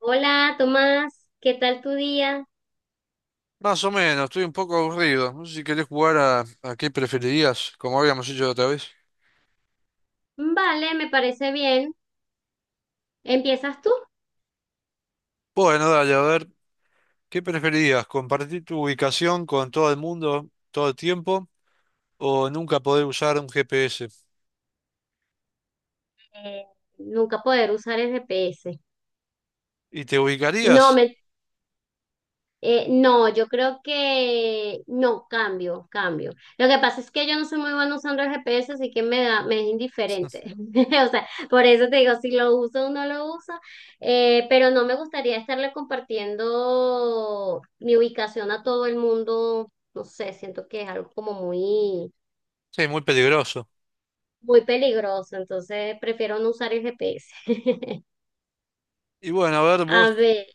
Hola, Tomás, ¿qué tal tu día? Más o menos, estoy un poco aburrido. No sé si querés jugar a qué preferirías, como habíamos hecho la otra vez. Vale, me parece bien. ¿Empiezas tú? Bueno, dale, a ver, ¿qué preferirías? ¿Compartir tu ubicación con todo el mundo todo el tiempo o nunca poder usar un GPS? Eh, Nunca poder usar el GPS. ¿Y te No, ubicarías? me, no, yo creo que no, cambio, cambio. Lo que pasa es que yo no soy muy buena usando el GPS, así que me es indiferente. O sea, por eso te digo, si lo uso o no lo uso. Pero no me gustaría estarle compartiendo mi ubicación a todo el mundo. No sé, siento que es algo como muy Sí, muy peligroso. muy peligroso, entonces prefiero no usar el GPS. Y bueno, a ver, A vos, ver,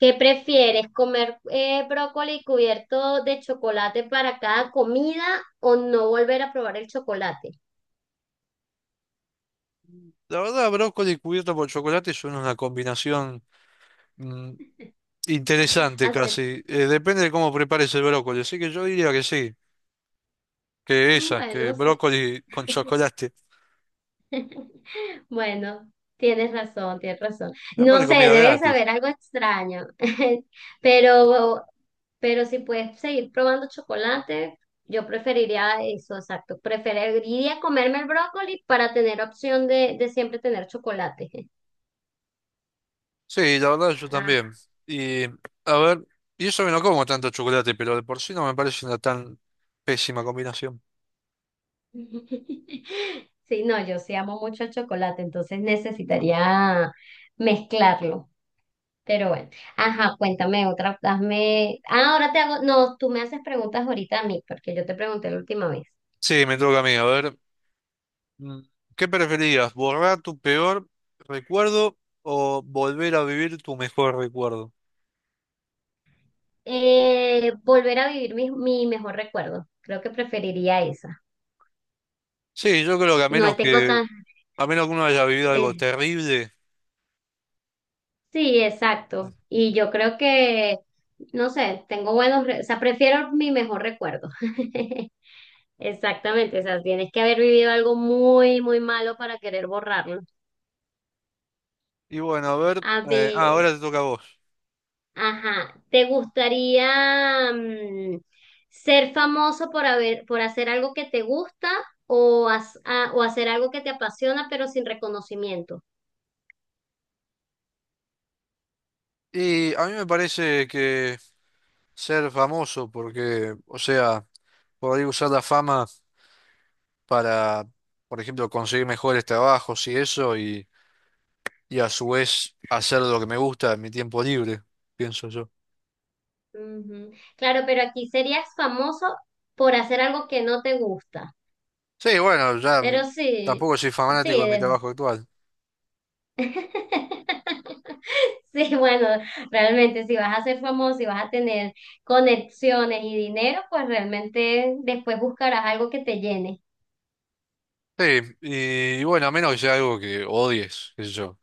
¿qué prefieres? ¿Comer brócoli cubierto de chocolate para cada comida o no volver a probar el chocolate? la verdad, brócoli cubierto por chocolate son una combinación mm, interesante Hacer, casi. Depende de cómo prepares el brócoli, así que yo diría que sí, que bueno, sí. brócoli con chocolate. Bueno, tienes razón, tienes razón. La parte No sé, comida debes gratis. saber algo extraño. pero, pero si puedes seguir probando chocolate, yo preferiría eso, exacto. Preferiría comerme el brócoli para tener opción de siempre tener chocolate. Sí, la verdad yo también. Ah. Y a ver, y eso que no como tanto chocolate, pero de por sí no me parece una tan pésima combinación. Sí, no, yo sí amo mucho el chocolate, entonces necesitaría mezclarlo. Pero bueno, ajá, cuéntame otra, hazme, ah, ahora te hago, no, tú me haces preguntas ahorita a mí, porque yo te pregunté la última vez. Sí, me toca a mí. A ver, mm, ¿qué preferirías? ¿Borrar tu peor recuerdo o volver a vivir tu mejor recuerdo? Volver a vivir mi mejor recuerdo, creo que preferiría esa. Sí, yo creo que No tengo tan, a menos que uno haya vivido algo eh, terrible. sí, exacto, y yo creo no sé, tengo o sea, prefiero mi mejor recuerdo. Exactamente, o sea, tienes que haber vivido algo muy, muy malo para querer borrarlo. Y bueno, a ver, A ver. ahora te toca a vos. Ajá, ¿te gustaría ser famoso por por hacer algo que te gusta o hacer algo que te apasiona pero sin reconocimiento? Y a mí me parece que ser famoso, porque, o sea, por ahí usar la fama para, por ejemplo, conseguir mejores trabajos y eso, y a su vez hacer lo que me gusta en mi tiempo libre, pienso yo. Ujú. Claro, pero aquí serías famoso por hacer algo que no te gusta. Sí, bueno, ya Pero sí, tampoco soy sí, fanático de mi de- trabajo actual. sí, bueno, realmente si vas a ser famoso y vas a tener conexiones y dinero, pues realmente después buscarás algo que te llene. Sí, y bueno, a menos que sea algo que odies, qué sé yo,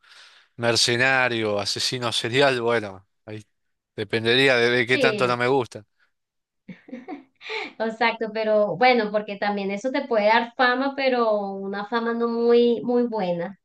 mercenario, asesino serial, bueno, ahí dependería de qué tanto no Sí. me gusta, Exacto, pero bueno, porque también eso te puede dar fama, pero una fama no muy, muy buena.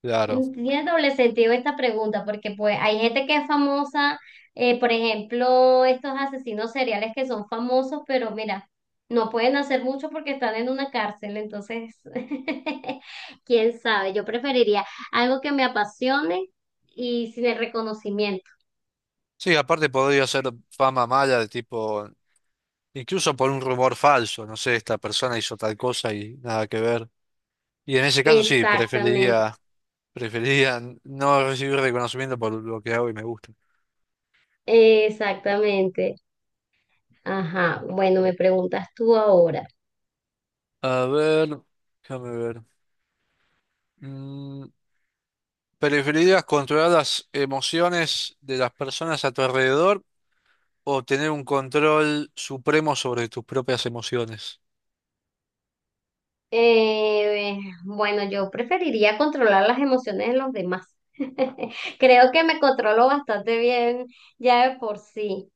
claro. Mm, tiene doble sentido esta pregunta, porque pues hay gente que es famosa, por ejemplo, estos asesinos seriales que son famosos, pero mira, no pueden hacer mucho porque están en una cárcel, entonces, quién sabe, yo preferiría algo que me apasione y sin el reconocimiento. Sí, aparte podría ser fama mala de tipo, incluso por un rumor falso, no sé, esta persona hizo tal cosa y nada que ver. Y en ese caso sí, Exactamente, preferiría no recibir reconocimiento por lo que hago y me gusta. exactamente. Ajá, bueno, me preguntas tú ahora. A ver, déjame ver. Mm, ¿Preferirías controlar las emociones de las personas a tu alrededor o tener un control supremo sobre tus propias emociones? Eh, bueno, yo preferiría controlar las emociones de los demás. Creo que me controlo bastante bien ya de por sí.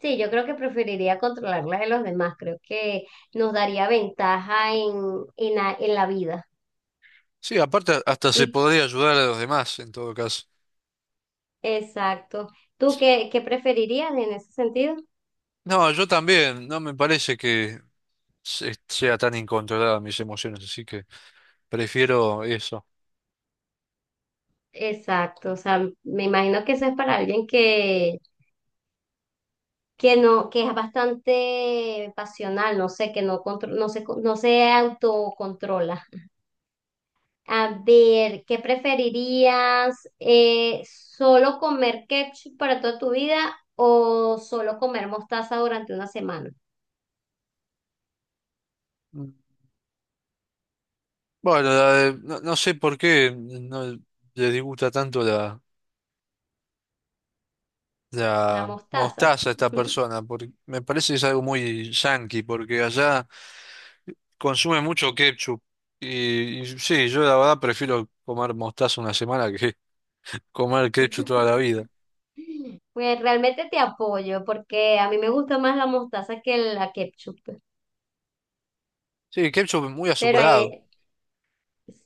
Sí, yo creo que preferiría controlar las de los demás. Creo que nos daría ventaja en la vida. Sí, aparte hasta se Y, podría ayudar a los demás en todo caso. exacto. ¿Tú qué preferirías en ese sentido? No, yo también, no me parece que sea tan incontrolada mis emociones, así que prefiero eso. Exacto. O sea, me imagino que eso es para alguien que no, que es bastante pasional, no sé, que no se autocontrola. A ver, ¿qué preferirías? ¿Solo comer ketchup para toda tu vida o solo comer mostaza durante una semana? Bueno, no, no sé por qué no le disgusta tanto La la mostaza. mostaza a esta persona, porque me parece que es algo muy yankee, porque allá consume mucho ketchup. Y sí, yo la verdad prefiero comer mostaza 1 semana que comer ketchup toda la vida. Pues realmente te apoyo porque a mí me gusta más la mostaza que la ketchup. Sí, ketchup muy Pero azucarado. hay,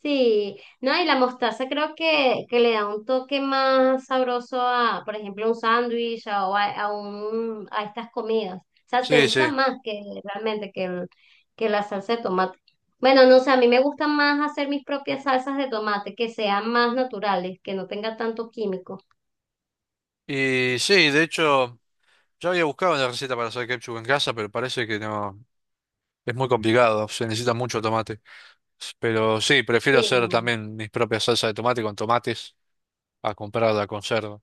Sí, no, y la mostaza creo que le da un toque más sabroso a, por ejemplo, un sándwich a- o a, a un, a estas comidas. O sea, se Sí, usa sí. más que realmente que la salsa de tomate. Bueno, no sé, a mí me gusta más hacer mis propias salsas de tomate, que sean más naturales, que no tenga tanto químico. Y sí, de hecho, yo había buscado una receta para hacer ketchup en casa, pero parece que no, es muy complicado, se necesita mucho tomate. Pero sí, Sí, prefiero hacer también mis propias salsas de tomate con tomates a comprar la conserva.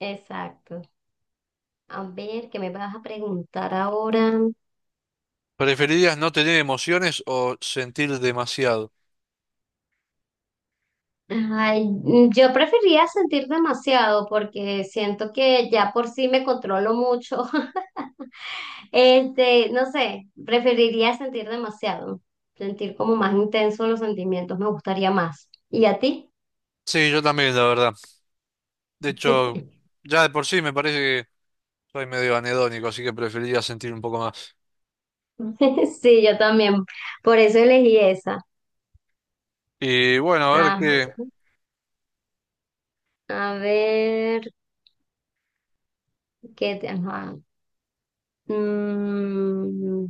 exacto. A ver, ¿qué me vas a preguntar ahora? ¿Preferirías no tener emociones o sentir demasiado? Ay, mm, yo preferiría sentir demasiado porque siento que ya por sí me controlo mucho. Este, no sé, preferiría sentir demasiado, sentir como más intenso los sentimientos, me gustaría más. ¿Y a ti? Sí, yo también, la verdad. De hecho, ya de por sí me parece que soy medio anedónico, así que preferiría sentir un poco más. Sí, yo también, por eso elegí esa. Y bueno, a ver Ajá. qué. A ver, ajá. Mm,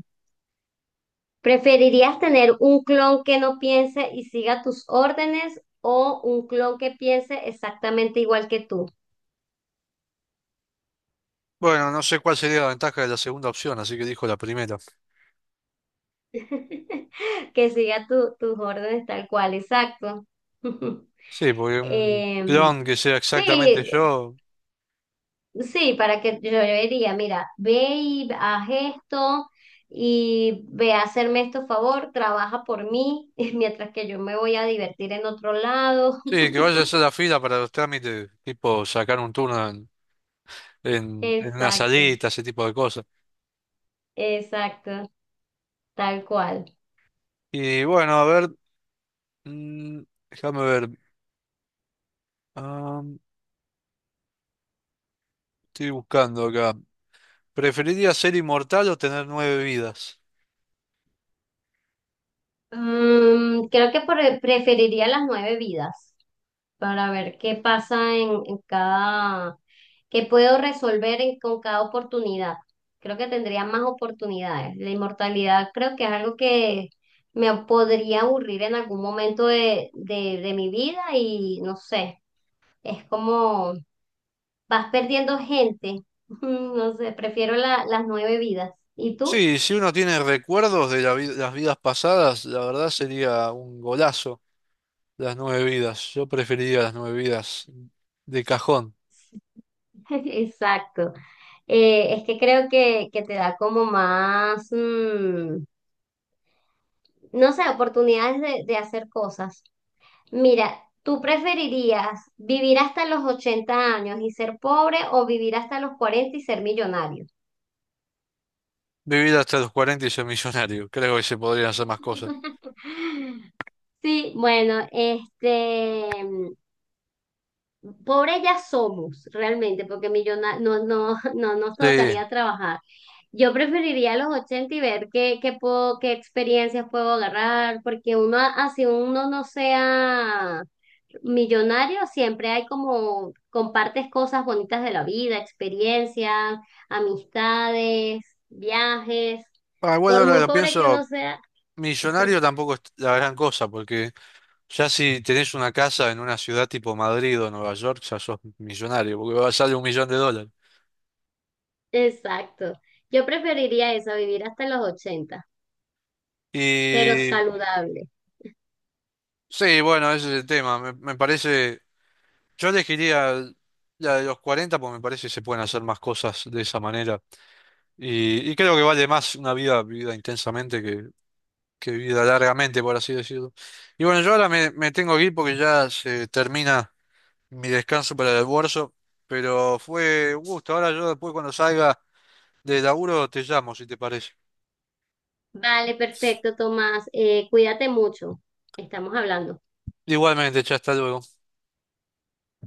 ¿preferirías tener un clon que no piense y siga tus órdenes o un clon que piense exactamente igual que tú? Bueno, no sé cuál sería la ventaja de la segunda opción, así que dijo la primera. Que siga tus órdenes tal cual, exacto. Sí, porque un Em, clon que sea exactamente Sí, yo. sí, para que yo le diría, mira, ve y haz esto y ve a hacerme esto favor, trabaja por mí, mientras que yo me voy a divertir en otro lado. Sí, que vaya a hacer la fila para los trámites, tipo sacar un turno en una Exacto, salita, ese tipo de cosas. exacto. Tal cual. Y bueno, a ver, mm, déjame ver. Ah, estoy buscando acá. ¿Preferiría ser inmortal o tener 9 vidas? Mm, creo que preferiría las 9 vidas para ver qué pasa en cada, qué puedo con cada oportunidad. Creo que tendría más oportunidades. La inmortalidad creo que es algo que me podría aburrir en algún momento de mi vida y no sé, es como vas perdiendo gente. No sé, prefiero las 9 vidas. ¿Y tú? Sí, si uno tiene recuerdos de las vidas pasadas, la verdad sería un golazo las 9 vidas. Yo preferiría las 9 vidas de cajón. Exacto. Es que creo que te da como más, mm, no sé, oportunidades de hacer cosas. Mira, ¿tú preferirías vivir hasta los 80 años y ser pobre o vivir hasta los 40 y ser millonario? Vivir hasta los 40 y ser millonario. Creo que se podrían hacer más cosas. Sí, bueno, este, mm, pobre ya somos realmente, porque no, no, no nos Sí. tocaría trabajar. Yo preferiría los 80 y ver qué puedo, qué experiencias puedo agarrar, porque uno, así uno no sea millonario, siempre hay como, compartes cosas bonitas de la vida, experiencias, amistades, viajes, Ah, bueno, por ahora muy lo pobre que uno pienso, sea. millonario tampoco es la gran cosa, porque ya si tenés una casa en una ciudad tipo Madrid o Nueva York, ya sos millonario, porque sale 1 millón de dólares. Exacto. Yo preferiría eso, vivir hasta los 80 pero Y saludable. sí, bueno, ese es el tema. Me parece, yo elegiría la de los 40 porque me parece que se pueden hacer más cosas de esa manera. Y creo que vale más una vida vivida intensamente que vida largamente, por así decirlo. Y bueno, yo ahora me tengo que ir porque ya se termina mi descanso para el almuerzo, pero fue un gusto. Ahora yo después cuando salga de laburo te llamo, si te parece. Vale, perfecto, Tomás. Cuídate mucho. Estamos hablando. Igualmente, ya hasta luego.